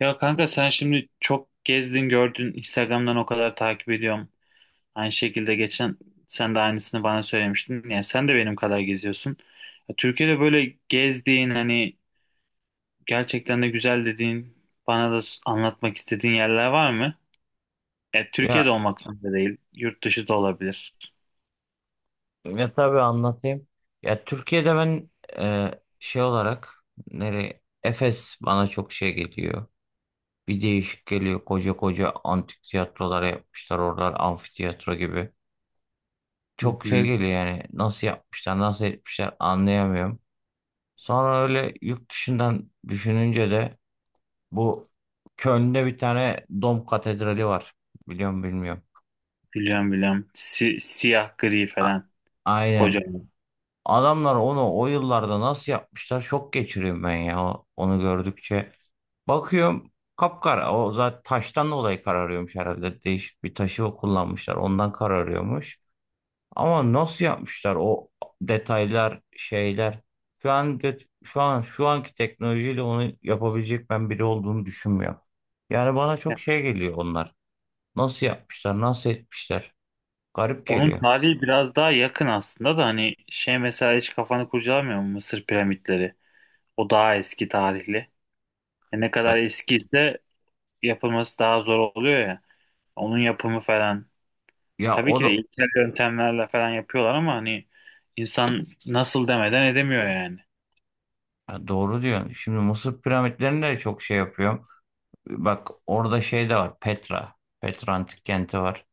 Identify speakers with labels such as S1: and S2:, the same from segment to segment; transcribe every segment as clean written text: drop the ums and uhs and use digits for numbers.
S1: Ya kanka, sen şimdi çok gezdin gördün, Instagram'dan o kadar takip ediyorum. Aynı şekilde geçen sen de aynısını bana söylemiştin. Yani sen de benim kadar geziyorsun. Ya Türkiye'de böyle gezdiğin hani gerçekten de güzel dediğin bana da anlatmak istediğin yerler var mı? Ya Türkiye'de
S2: Ya
S1: olmak zorunda değil. Yurt dışı da olabilir.
S2: ya tabii anlatayım. Ya Türkiye'de ben, e, şey olarak nereye Efes bana çok şey geliyor. Bir değişik geliyor. Koca koca antik tiyatrolar yapmışlar. Oralar amfiteyatro gibi.
S1: Hı
S2: Çok şey
S1: hı,
S2: geliyor yani. Nasıl yapmışlar, nasıl etmişler anlayamıyorum. Sonra öyle yurt dışından düşününce de bu Köln'de bir tane Dom Katedrali var. Biliyorum bilmiyorum.
S1: biliyorum biliyorum. Siyah gri
S2: A-
S1: falan.
S2: aynen.
S1: Kocaman.
S2: Adamlar onu o yıllarda nasıl yapmışlar, şok geçiriyorum ben ya onu gördükçe. Bakıyorum kapkara, o zaten taştan dolayı kararıyormuş herhalde, değişik bir taşı kullanmışlar ondan kararıyormuş. Ama nasıl yapmışlar o detaylar, şeyler. Şu an şu anki teknolojiyle onu yapabilecek ben biri olduğunu düşünmüyorum. Yani bana
S1: Ya,
S2: çok şey geliyor onlar. Nasıl yapmışlar, nasıl etmişler? Garip
S1: onun
S2: geliyor.
S1: tarihi biraz daha yakın aslında da hani şey, mesela hiç kafanı kurcalamıyor mu Mısır piramitleri? O daha eski tarihli. E ne kadar
S2: Ya,
S1: eskiyse yapılması daha zor oluyor ya. Onun yapımı falan.
S2: ya
S1: Tabii
S2: o
S1: ki
S2: da.
S1: de ilkel yöntemlerle falan yapıyorlar, ama hani insan nasıl demeden edemiyor yani.
S2: Ha, doğru diyorsun. Şimdi Mısır piramitlerinde de çok şey yapıyorum. Bak orada şey de var. Petra. Petra antik kenti var.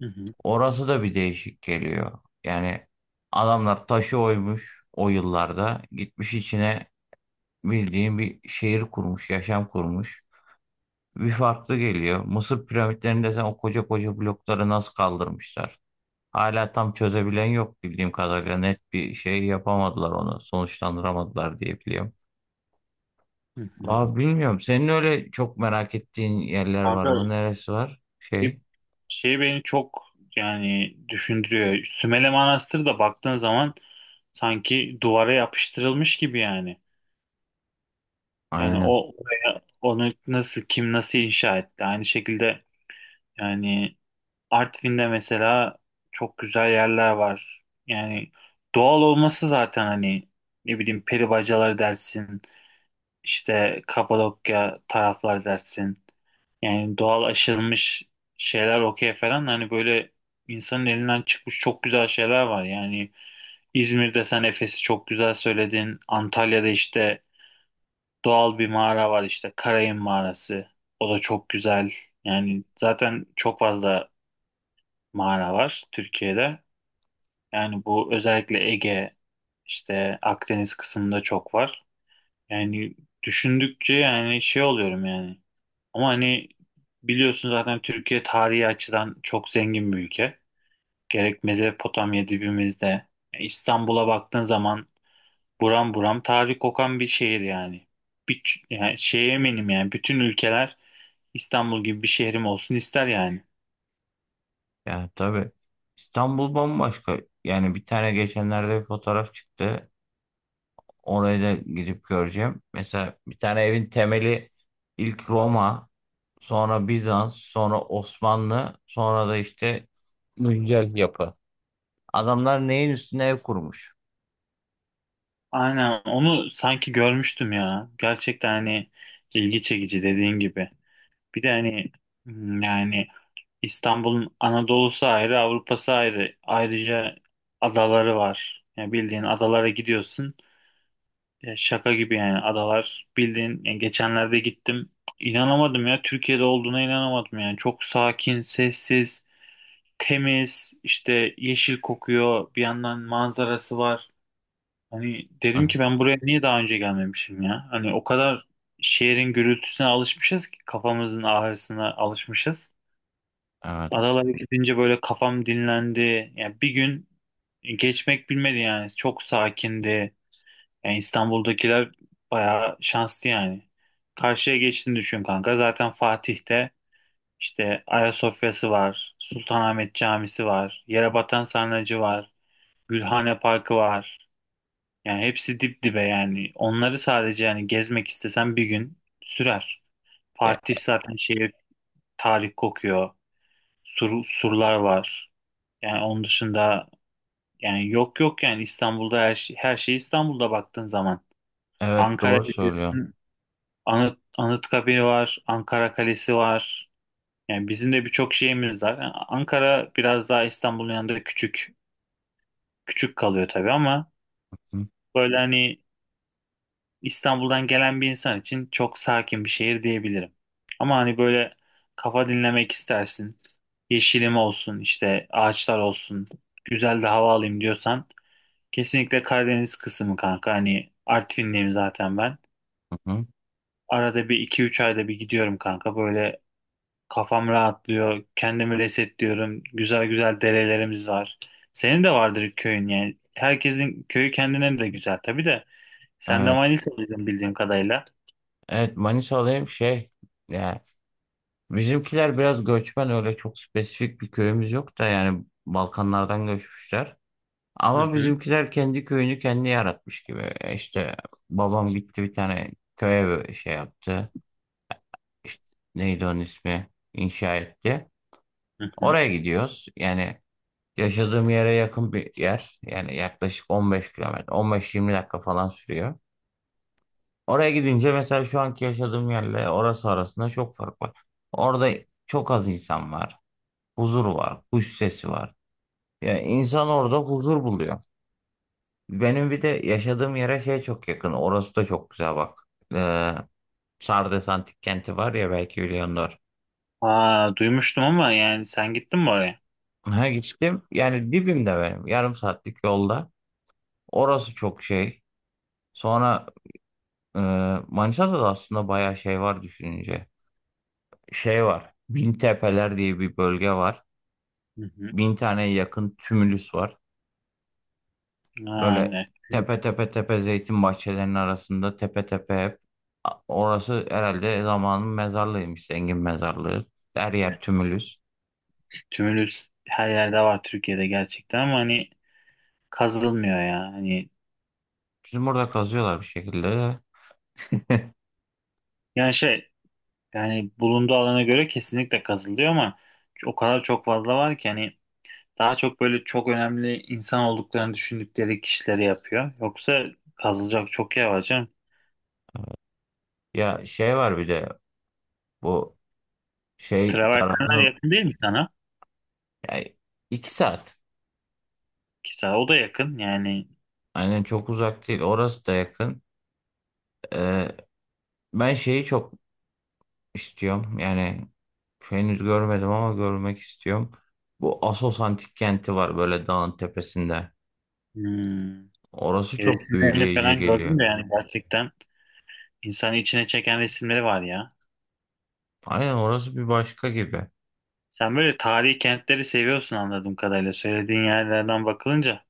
S1: Hı hı,
S2: Orası da bir değişik geliyor. Yani adamlar taşı oymuş o yıllarda. Gitmiş içine bildiğin bir şehir kurmuş, yaşam kurmuş. Bir farklı geliyor. Mısır piramitlerinde sen o koca koca blokları nasıl kaldırmışlar? Hala tam çözebilen yok bildiğim kadarıyla. Net bir şey yapamadılar onu. Sonuçlandıramadılar diye biliyorum.
S1: hı hı.
S2: Abi bilmiyorum. Senin öyle çok merak ettiğin yerler var
S1: Kanka
S2: mı? Neresi var?
S1: şey,
S2: Şey.
S1: şey beni çok, yani düşündürüyor. Sümele Manastırı da baktığın zaman sanki duvara yapıştırılmış gibi yani. Yani
S2: Aynen.
S1: o oraya, onu nasıl, kim nasıl inşa etti? Aynı şekilde yani Artvin'de mesela çok güzel yerler var. Yani doğal olması zaten, hani ne bileyim peribacalar dersin, işte Kapadokya taraflar dersin. Yani doğal aşılmış şeyler okey falan, hani böyle insanın elinden çıkmış çok güzel şeyler var. Yani İzmir'de sen Efes'i çok güzel söyledin. Antalya'da işte doğal bir mağara var, işte Karayın Mağarası. O da çok güzel. Yani zaten çok fazla mağara var Türkiye'de. Yani bu özellikle Ege, işte Akdeniz kısmında çok var. Yani düşündükçe yani şey oluyorum yani. Ama hani biliyorsun zaten Türkiye tarihi açıdan çok zengin bir ülke. Gerek Mezopotamya dibimizde. İstanbul'a baktığın zaman buram buram tarih kokan bir şehir yani. Bir, Yani şeye eminim, yani bütün ülkeler İstanbul gibi bir şehrim olsun ister yani.
S2: Ya tabii. İstanbul bambaşka. Yani bir tane geçenlerde bir fotoğraf çıktı. Orayı da gidip göreceğim. Mesela bir tane evin temeli ilk Roma, sonra Bizans, sonra Osmanlı, sonra da işte güncel yapı. Adamlar neyin üstüne ev kurmuş?
S1: Aynen onu sanki görmüştüm ya. Gerçekten hani ilgi çekici, dediğin gibi. Bir de hani yani İstanbul'un Anadolu'su ayrı, Avrupa'sı ayrı. Ayrıca adaları var. Yani bildiğin adalara gidiyorsun. Ya şaka gibi yani adalar. Bildiğin, yani geçenlerde gittim. İnanamadım ya, Türkiye'de olduğuna inanamadım yani. Çok sakin, sessiz, temiz, işte yeşil kokuyor. Bir yandan manzarası var. Hani dedim
S2: Hı.
S1: ki ben buraya niye daha önce gelmemişim ya? Hani o kadar şehrin gürültüsüne alışmışız ki, kafamızın ağrısına alışmışız.
S2: Evet.
S1: Adalara gidince böyle kafam dinlendi. Yani bir gün geçmek bilmedi yani. Çok sakindi. Yani İstanbul'dakiler bayağı şanslı yani. Karşıya geçtiğini düşün kanka. Zaten Fatih'te işte Ayasofya'sı var. Sultanahmet Camisi var. Yerebatan Sarnıcı var. Gülhane Parkı var. Yani hepsi dip dibe yani. Onları sadece yani gezmek istesen bir gün sürer.
S2: Ya,
S1: Fatih zaten şehir, tarih kokuyor. Surlar var. Yani onun dışında, yani yok yok yani İstanbul'da her şey, her şey İstanbul'da baktığın zaman.
S2: evet
S1: Ankara
S2: doğru söylüyorsun.
S1: Belediyesi'nin Anıtkabir var, Ankara Kalesi var. Yani bizim de birçok şeyimiz var. Yani Ankara biraz daha İstanbul'un yanında küçük küçük kalıyor tabii, ama
S2: Hı,
S1: böyle hani İstanbul'dan gelen bir insan için çok sakin bir şehir diyebilirim. Ama hani böyle kafa dinlemek istersin, yeşilim olsun, işte ağaçlar olsun, güzel de hava alayım diyorsan kesinlikle Karadeniz kısmı kanka. Hani Artvinliyim zaten ben.
S2: hı hı.
S1: Arada bir, iki üç ayda bir gidiyorum kanka. Böyle kafam rahatlıyor. Kendimi resetliyorum. Güzel güzel derelerimiz var. Senin de vardır köyün yani. Herkesin köyü kendine de güzel tabii de. Sen de
S2: Evet.
S1: Manisa'lıydın bildiğim kadarıyla.
S2: Evet, Manisa'dayım. Şey, yani bizimkiler biraz göçmen, öyle çok spesifik bir köyümüz yok da, yani Balkanlardan göçmüşler.
S1: Hı
S2: Ama
S1: hı.
S2: bizimkiler kendi köyünü kendi yaratmış gibi. E İşte babam gitti bir tane köye, böyle şey yaptı. İşte neydi onun ismi? İnşa etti.
S1: Hı hı.
S2: Oraya gidiyoruz. Yani yaşadığım yere yakın bir yer. Yani yaklaşık 15 kilometre, 15-20 dakika falan sürüyor. Oraya gidince mesela şu anki yaşadığım yerle orası arasında çok fark var. Orada çok az insan var. Huzur var. Kuş sesi var. Yani insan orada huzur buluyor. Benim bir de yaşadığım yere şey çok yakın. Orası da çok güzel bak. Ee, Sardes Antik Kenti var ya, belki biliyorsunuz.
S1: Aa, duymuştum ama yani sen gittin mi oraya?
S2: Ha gittim. Yani dibimde benim. Yarım saatlik yolda. Orası çok şey. Sonra e, Manisa'da da aslında bayağı şey var düşününce. Şey var. Bintepeler diye bir bölge var.
S1: Hı hı.
S2: Bin taneye yakın tümülüs var.
S1: Aa,
S2: Böyle
S1: evet.
S2: tepe tepe tepe, zeytin bahçelerinin arasında tepe tepe hep. Orası herhalde zamanın mezarlığıymış, zengin mezarlığı. Her yer tümülüs.
S1: Tümülüs her yerde var Türkiye'de gerçekten, ama hani kazılmıyor ya. Hani
S2: Bizim burada kazıyorlar bir şekilde.
S1: yani şey, yani bulunduğu alana göre kesinlikle kazılıyor, ama o kadar çok fazla var ki hani daha çok böyle çok önemli insan olduklarını düşündükleri kişileri yapıyor. Yoksa kazılacak çok yer var canım.
S2: Ya şey var bir de bu şey
S1: Travertenler
S2: tarafını,
S1: yakın değil mi sana?
S2: yani iki saat.
S1: Ki sana o da yakın yani.
S2: Aynen, çok uzak değil. Orası da yakın. Ee, ben şeyi çok istiyorum. Yani henüz görmedim ama görmek istiyorum. Bu Assos Antik Kenti var böyle dağın tepesinde.
S1: hmm,
S2: Orası çok
S1: Resimlerini
S2: büyüleyici
S1: falan gördüm
S2: geliyor.
S1: de yani gerçekten insanı içine çeken resimleri var ya.
S2: Aynen, orası bir başka gibi.
S1: Sen böyle tarihi kentleri seviyorsun anladığım kadarıyla, söylediğin yerlerden bakılınca.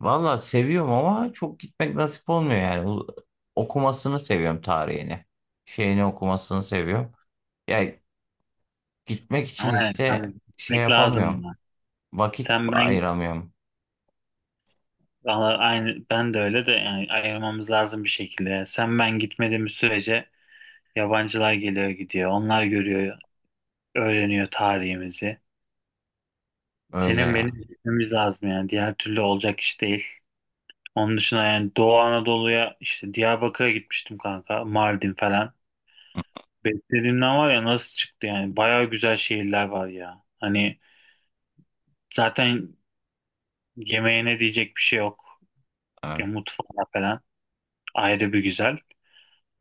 S2: Valla seviyorum ama çok gitmek nasip olmuyor yani. Okumasını seviyorum, tarihini. Şeyini okumasını seviyorum. Ya gitmek için
S1: Ama yani kanka
S2: işte şey
S1: gitmek lazım
S2: yapamıyorum.
S1: ya.
S2: Vakit
S1: Sen ben
S2: ayıramıyorum.
S1: Valla aynı, ben de öyle de yani ayırmamız lazım bir şekilde. Sen ben gitmediğimiz sürece yabancılar geliyor gidiyor. Onlar görüyor, öğreniyor tarihimizi.
S2: Öyle
S1: Senin
S2: ya.
S1: benim gitmemiz lazım yani. Diğer türlü olacak iş değil. Onun dışında yani Doğu Anadolu'ya, işte Diyarbakır'a gitmiştim kanka. Mardin falan. Beklediğimden, var ya, nasıl çıktı yani. Baya güzel şehirler var ya. Hani zaten yemeğine diyecek bir şey yok. Ya
S2: Evet.
S1: mutfağı falan ayrı bir güzel.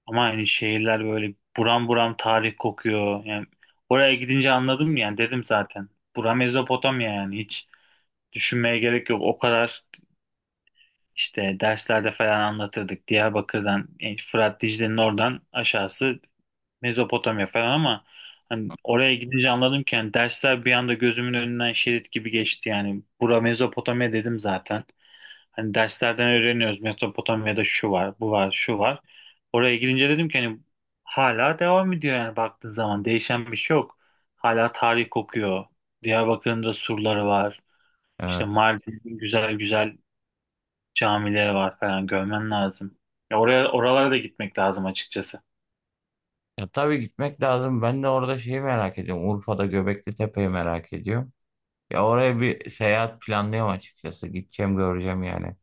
S1: Ama hani şehirler böyle buram buram tarih kokuyor. Yani oraya gidince anladım yani, dedim zaten. Bura Mezopotamya, yani hiç düşünmeye gerek yok. O kadar işte derslerde falan anlatırdık. Diyarbakır'dan, yani Fırat Dicle'nin oradan aşağısı Mezopotamya falan, ama hani oraya gidince anladım ki yani, dersler bir anda gözümün önünden şerit gibi geçti yani. Bura Mezopotamya dedim zaten. Hani derslerden öğreniyoruz Mezopotamya'da şu var, bu var, şu var. Oraya gidince dedim ki hani hala devam ediyor yani, baktığın zaman değişen bir şey yok. Hala tarih kokuyor. Diyarbakır'ın da surları var. İşte
S2: Evet.
S1: Mardin'in güzel güzel camileri var falan, görmen lazım. Ya oraya, oralara da gitmek lazım açıkçası.
S2: Ya tabii gitmek lazım. Ben de orada şeyi merak ediyorum. Urfa'da Göbekli Tepe'yi merak ediyorum. Ya oraya bir seyahat planlıyorum açıkçası. Gideceğim, göreceğim yani.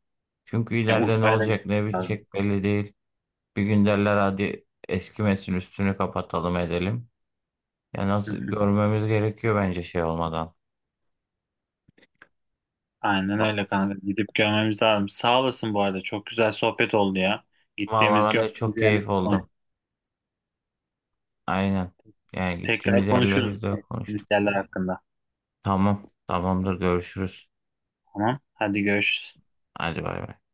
S2: Çünkü
S1: Yani
S2: ileride ne
S1: Urfa'ya da
S2: olacak ne
S1: gitmek
S2: bitecek belli değil. Bir gün derler hadi eskimesin üstünü kapatalım edelim. Ya nasıl,
S1: lazım.
S2: görmemiz gerekiyor bence şey olmadan.
S1: Aynen
S2: Va-
S1: öyle kanka. Gidip görmemiz lazım. Sağ olasın bu arada. Çok güzel sohbet oldu ya. Gittiğimiz,
S2: Vallahi ben de
S1: gördüğümüz
S2: çok
S1: yerleri
S2: keyif
S1: konuştuk.
S2: oldum. Aynen. Yani gittiğimiz
S1: Tekrar konuşuruz
S2: yerleri de
S1: gittiğimiz
S2: konuştuk.
S1: yerler hakkında.
S2: Tamam. Tamamdır, görüşürüz.
S1: Tamam. Hadi görüşürüz.
S2: Hadi bay bay.